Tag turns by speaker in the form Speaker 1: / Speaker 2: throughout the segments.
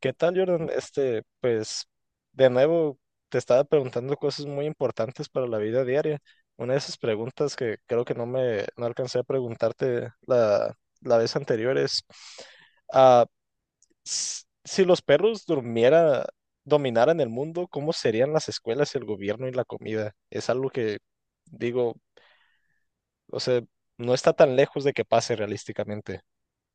Speaker 1: ¿Qué tal, Jordan? De nuevo, te estaba preguntando cosas muy importantes para la vida diaria. Una de esas preguntas que creo que no alcancé a preguntarte la vez anterior es, ah, si los perros dominaran el mundo, ¿cómo serían las escuelas, el gobierno y la comida? Es algo que digo, o sea, no está tan lejos de que pase realísticamente.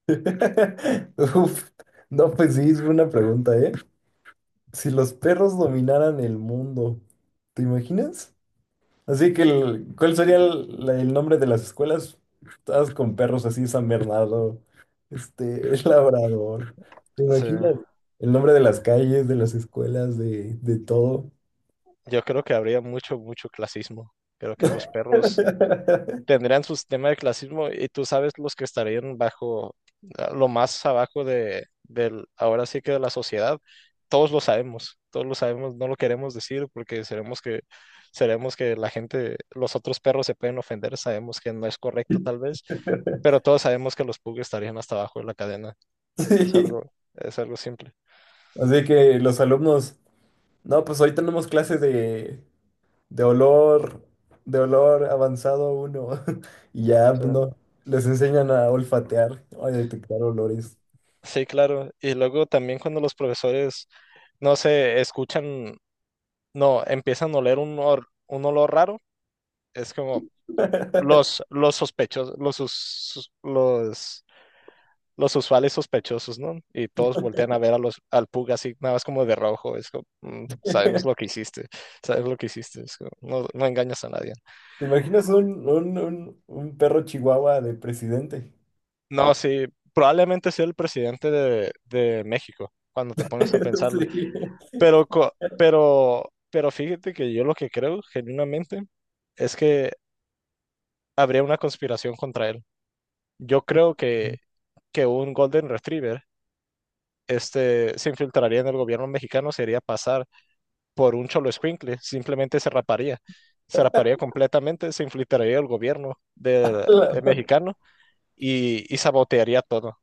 Speaker 2: Uf, no, pues sí, es una pregunta, ¿eh? Si los perros dominaran el mundo, ¿te imaginas? Así que, ¿cuál sería el nombre de las escuelas? Todas con perros así, San Bernardo, este, el Labrador. ¿Te
Speaker 1: O
Speaker 2: imaginas?
Speaker 1: sea,
Speaker 2: El nombre de las calles, de las escuelas, de todo.
Speaker 1: yo creo que habría mucho, mucho clasismo. Creo que los perros tendrían su sistema de clasismo y tú sabes los que estarían bajo, ah, lo más abajo ahora sí que de la sociedad, todos lo sabemos, no lo queremos decir porque seremos que la gente, los otros perros se pueden ofender, sabemos que no es correcto tal vez, pero todos sabemos que los pugs estarían hasta abajo de la cadena,
Speaker 2: Sí.
Speaker 1: es algo simple.
Speaker 2: Así que los alumnos, no, pues hoy tenemos clases de olor, de olor avanzado uno. Y ya,
Speaker 1: O
Speaker 2: pues,
Speaker 1: sea,
Speaker 2: no, les enseñan a olfatear, a detectar olores.
Speaker 1: sí, claro, y luego también cuando los profesores, no sé, escuchan, no, empiezan a oler un olor raro. Es como los sospechosos, los, sus- sus- los usuales sospechosos, ¿no? Y todos voltean a ver a al Pug así, nada más como de rojo. Es como, "Mm, sabemos lo que hiciste, sabes lo que hiciste". Es como, no, no engañas a nadie.
Speaker 2: ¿Te imaginas un perro chihuahua de presidente?
Speaker 1: No, sí, probablemente sea el presidente de México, cuando te pones a pensarlo.
Speaker 2: Sí.
Speaker 1: Pero fíjate que yo lo que creo, genuinamente, es que habría una conspiración contra él. Yo creo que, que un Golden Retriever, este, se infiltraría en el gobierno mexicano, se iría a pasar por un cholo escuincle, simplemente se raparía completamente, se infiltraría el gobierno de mexicano y sabotearía todo,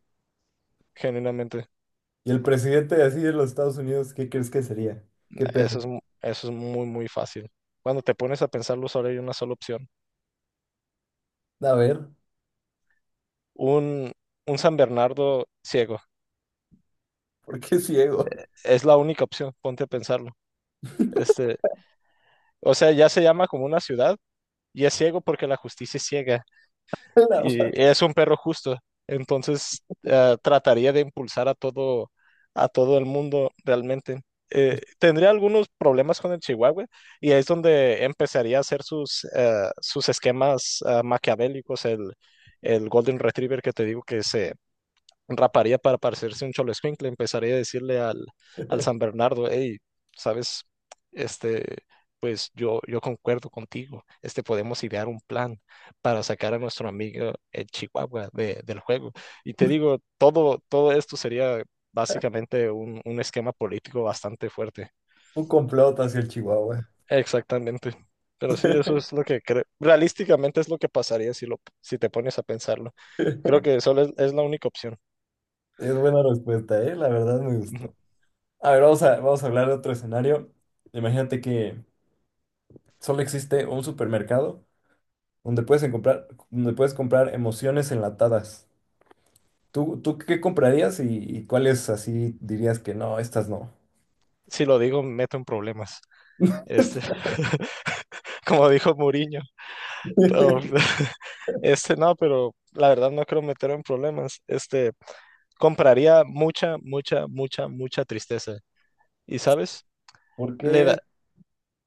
Speaker 1: genuinamente.
Speaker 2: Y el presidente así de los Estados Unidos, ¿qué crees que sería? ¿Qué perro?
Speaker 1: Eso es muy, muy fácil. Cuando te pones a pensarlo, solo hay una sola opción.
Speaker 2: A ver,
Speaker 1: Un, un San Bernardo ciego.
Speaker 2: ¿por qué ciego?
Speaker 1: Es la única opción, ponte a pensarlo. Este, o sea, ya se llama como una ciudad y es ciego porque la justicia es ciega.
Speaker 2: La
Speaker 1: Y
Speaker 2: madre.
Speaker 1: es un perro justo. Entonces, ah, trataría de impulsar a todo el mundo realmente. Tendría algunos problemas con el Chihuahua y ahí es donde empezaría a hacer sus, sus esquemas, ah, maquiavélicos. El Golden Retriever que te digo que se raparía para parecerse un cholo escuincle, empezaría a decirle al San Bernardo, hey, sabes, este, yo concuerdo contigo, este, podemos idear un plan para sacar a nuestro amigo el Chihuahua del juego. Y te digo, todo, todo esto sería básicamente un esquema político bastante fuerte.
Speaker 2: Un complot hacia el Chihuahua.
Speaker 1: Exactamente. Pero sí, eso es lo que creo. Realísticamente es lo que pasaría si te pones a pensarlo. Creo que solo es la única opción.
Speaker 2: Es buena respuesta, ¿eh? La verdad me gustó. A ver, vamos a hablar de otro escenario. Imagínate que solo existe un supermercado donde puedes comprar emociones enlatadas. ¿Tú qué comprarías y cuáles así dirías que no, estas no?
Speaker 1: Si lo digo, me meto en problemas. Este, como dijo Mourinho. No, este no, pero la verdad no creo meter en problemas. Este, compraría mucha, mucha, mucha, mucha tristeza. ¿Y sabes?
Speaker 2: ¿Por
Speaker 1: Le da,
Speaker 2: qué?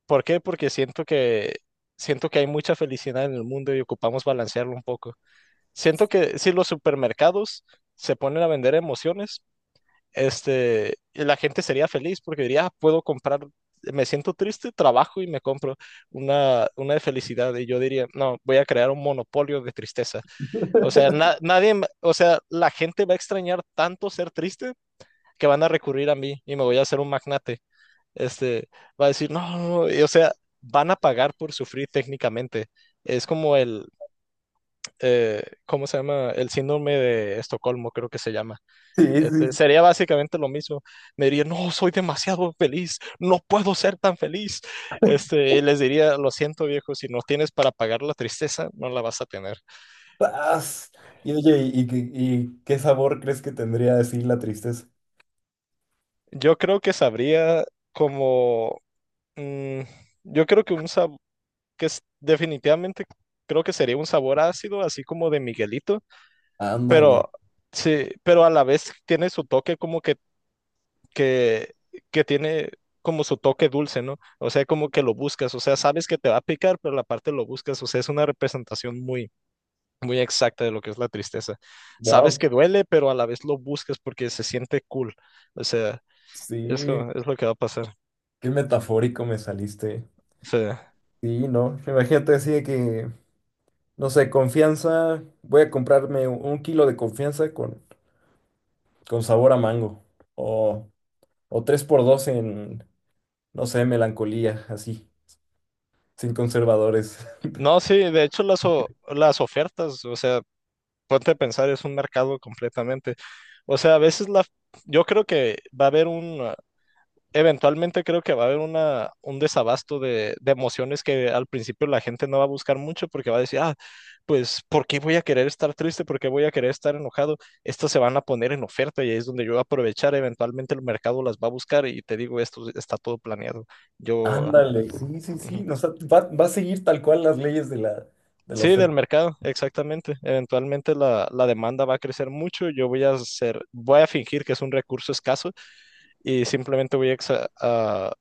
Speaker 1: ¿por qué? Porque siento que hay mucha felicidad en el mundo y ocupamos balancearlo un poco. Siento que si los supermercados se ponen a vender emociones, este, la gente sería feliz porque diría, "Ah, puedo comprar, me siento triste, trabajo y me compro una de felicidad". Y yo diría, no, voy a crear un monopolio de tristeza. O sea, na- nadie, me- o sea, la gente va a extrañar tanto ser triste que van a recurrir a mí y me voy a hacer un magnate. Este, va a decir, no, no, y, o sea, van a pagar por sufrir técnicamente. Es como el, ¿cómo se llama? El síndrome de Estocolmo, creo que se llama.
Speaker 2: Sí,
Speaker 1: Este,
Speaker 2: sí.
Speaker 1: sería básicamente lo mismo. Me diría, no, soy demasiado feliz, no puedo ser tan feliz. Este, y les diría, lo siento, viejo, si no tienes para pagar la tristeza, no la vas a tener.
Speaker 2: ¡Paz! Y oye, ¿y qué sabor crees que tendría así la tristeza?
Speaker 1: Yo creo que sabría como, mm, yo creo que un sabor, definitivamente creo que sería un sabor ácido, así como de Miguelito,
Speaker 2: Ándale.
Speaker 1: pero sí, pero a la vez tiene su toque como que, que tiene como su toque dulce, ¿no? O sea, como que lo buscas, o sea, sabes que te va a picar, pero la parte lo buscas, o sea, es una representación muy, muy exacta de lo que es la tristeza. Sabes
Speaker 2: Wow.
Speaker 1: que duele, pero a la vez lo buscas porque se siente cool, o sea,
Speaker 2: Sí,
Speaker 1: es lo que va a pasar.
Speaker 2: qué metafórico me saliste.
Speaker 1: O sea,
Speaker 2: Sí, no. Imagínate así de que, no sé, confianza. Voy a comprarme un kilo de confianza con sabor a mango. O O tres por dos en, no sé, melancolía, así, sin conservadores.
Speaker 1: no, sí, de hecho las ofertas, o sea, ponte a pensar, es un mercado completamente. O sea, a veces la, yo creo que va a haber un, eventualmente creo que va a haber una, un desabasto de emociones que al principio la gente no va a buscar mucho porque va a decir, ah, pues, ¿por qué voy a querer estar triste? ¿Por qué voy a querer estar enojado? Estas se van a poner en oferta y ahí es donde yo voy a aprovechar, eventualmente el mercado las va a buscar y te digo, esto está todo planeado. Yo,
Speaker 2: Ándale, sí, sí, sí.
Speaker 1: ujú.
Speaker 2: No, o sea, va a seguir tal cual las leyes de la
Speaker 1: Sí, del
Speaker 2: oferta.
Speaker 1: mercado, exactamente. Eventualmente la demanda va a crecer mucho, yo voy a hacer, voy a fingir que es un recurso escaso y simplemente voy a,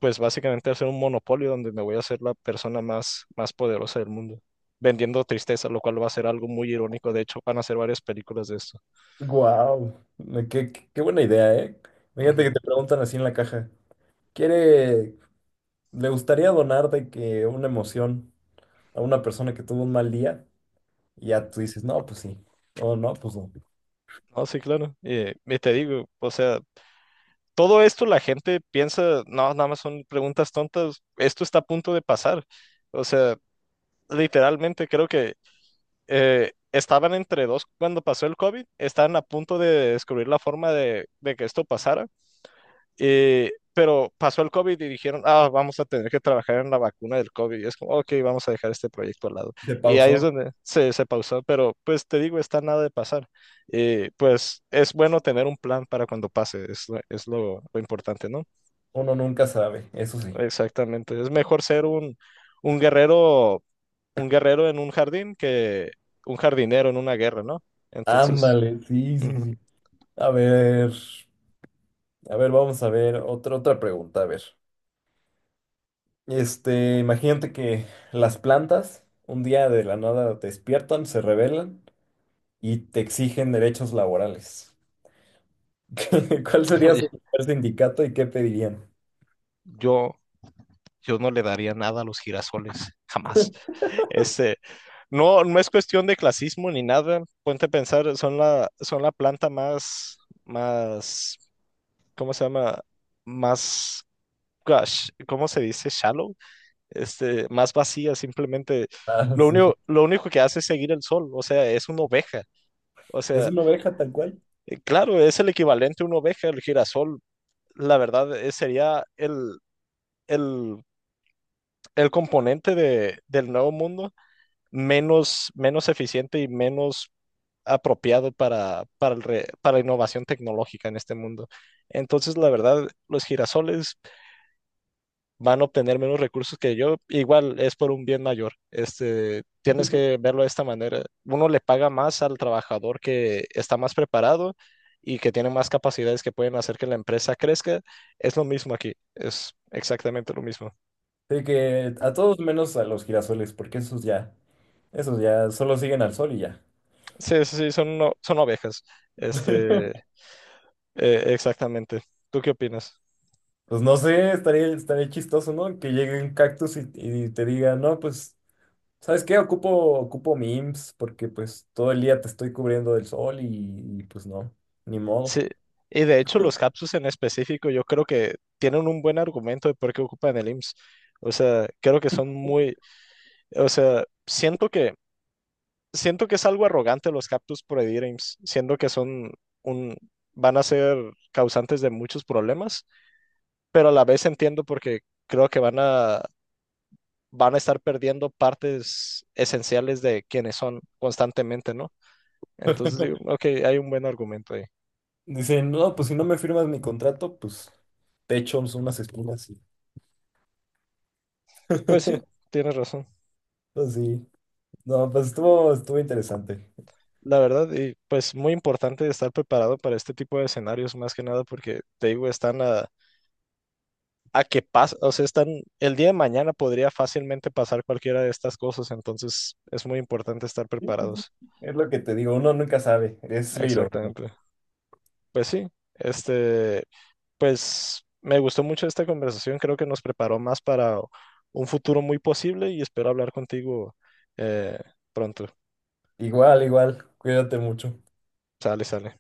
Speaker 1: pues básicamente hacer un monopolio donde me voy a hacer la persona más, más poderosa del mundo, vendiendo tristeza, lo cual va a ser algo muy irónico. De hecho, van a hacer varias películas de esto.
Speaker 2: Wow, qué buena idea, ¿eh? Fíjate
Speaker 1: Ujú.
Speaker 2: que te preguntan así en la caja. ¿Quiere, le gustaría donar de que una emoción a una persona que tuvo un mal día? Y ya tú dices, no, pues sí. O no, pues no.
Speaker 1: No, sí, claro. Y te digo, o sea, todo esto la gente piensa, no, nada más son preguntas tontas, esto está a punto de pasar. O sea, literalmente creo que, estaban entre dos cuando pasó el COVID, estaban a punto de descubrir la forma de que esto pasara. Pero pasó el COVID y dijeron, ah, vamos a tener que trabajar en la vacuna del COVID. Y es como, ok, vamos a dejar este proyecto al lado.
Speaker 2: Se
Speaker 1: Y ahí es
Speaker 2: pausó.
Speaker 1: donde se pausó, pero pues te digo, está nada de pasar. Pues es bueno tener un plan para cuando pase, lo importante, ¿no?
Speaker 2: Uno nunca sabe, eso sí.
Speaker 1: Exactamente. Es mejor ser un guerrero, un guerrero en un jardín que un jardinero en una guerra, ¿no? Entonces,
Speaker 2: Ándale, sí, sí,
Speaker 1: ujú.
Speaker 2: sí. A ver. A ver, vamos a ver otra pregunta. A ver, imagínate que las plantas un día de la nada despiertan, se rebelan y te exigen derechos laborales. ¿Cuál sería su primer sindicato y qué pedirían?
Speaker 1: Yo, yo no le daría nada a los girasoles, jamás. Este, no, no es cuestión de clasismo ni nada. Ponte a pensar, son la planta más, más, ¿cómo se llama? Más, gosh, ¿cómo se dice? Shallow, este, más vacía, simplemente.
Speaker 2: Ah, sí.
Speaker 1: Lo único que hace es seguir el sol, o sea, es una oveja. O
Speaker 2: Es
Speaker 1: sea,
Speaker 2: una oveja tal cual.
Speaker 1: claro, es el equivalente a una oveja, el girasol. La verdad, sería el, el componente del nuevo mundo menos, menos eficiente y menos apropiado para innovación tecnológica en este mundo. Entonces, la verdad, los girasoles van a obtener menos recursos que yo. Igual es por un bien mayor. Este, tienes que verlo de esta manera. Uno le paga más al trabajador que está más preparado y que tiene más capacidades que pueden hacer que la empresa crezca. Es lo mismo aquí. Es exactamente lo mismo.
Speaker 2: Sí, que a todos menos a los girasoles, porque esos ya solo siguen al sol y ya.
Speaker 1: Sí, sí, sí, son ovejas. Este, exactamente. ¿Tú qué opinas?
Speaker 2: Pues no sé, estaría chistoso, ¿no? Que llegue un cactus y te diga, no, pues. ¿Sabes qué? Ocupo mi IMSS porque pues todo el día te estoy cubriendo del sol y, pues no, ni modo.
Speaker 1: Sí, y de hecho los Capsus en específico yo creo que tienen un buen argumento de por qué ocupan el IMSS. O sea, creo que son muy, o sea, siento que es algo arrogante los Capsus prohibir IMSS, siendo que son un, van a ser causantes de muchos problemas, pero a la vez entiendo porque creo que van a van a estar perdiendo partes esenciales de quienes son constantemente, ¿no? Entonces digo, ok, hay un buen argumento ahí.
Speaker 2: Dicen, no, pues si no me firmas mi contrato, pues te echo unas espinas.
Speaker 1: Pues sí, tienes razón.
Speaker 2: Pues sí, no, pues estuvo interesante.
Speaker 1: La verdad, y pues muy importante estar preparado para este tipo de escenarios, más que nada, porque te digo, están a que pasa, o sea, están, el día de mañana podría fácilmente pasar cualquiera de estas cosas, entonces es muy importante estar
Speaker 2: Sí, sí,
Speaker 1: preparados.
Speaker 2: sí. Es lo que te digo, uno nunca sabe, es la ironía.
Speaker 1: Exactamente. Pues sí, este, pues me gustó mucho esta conversación, creo que nos preparó más para un futuro muy posible y espero hablar contigo, eh, pronto.
Speaker 2: Igual, igual, cuídate mucho.
Speaker 1: Sale, sale.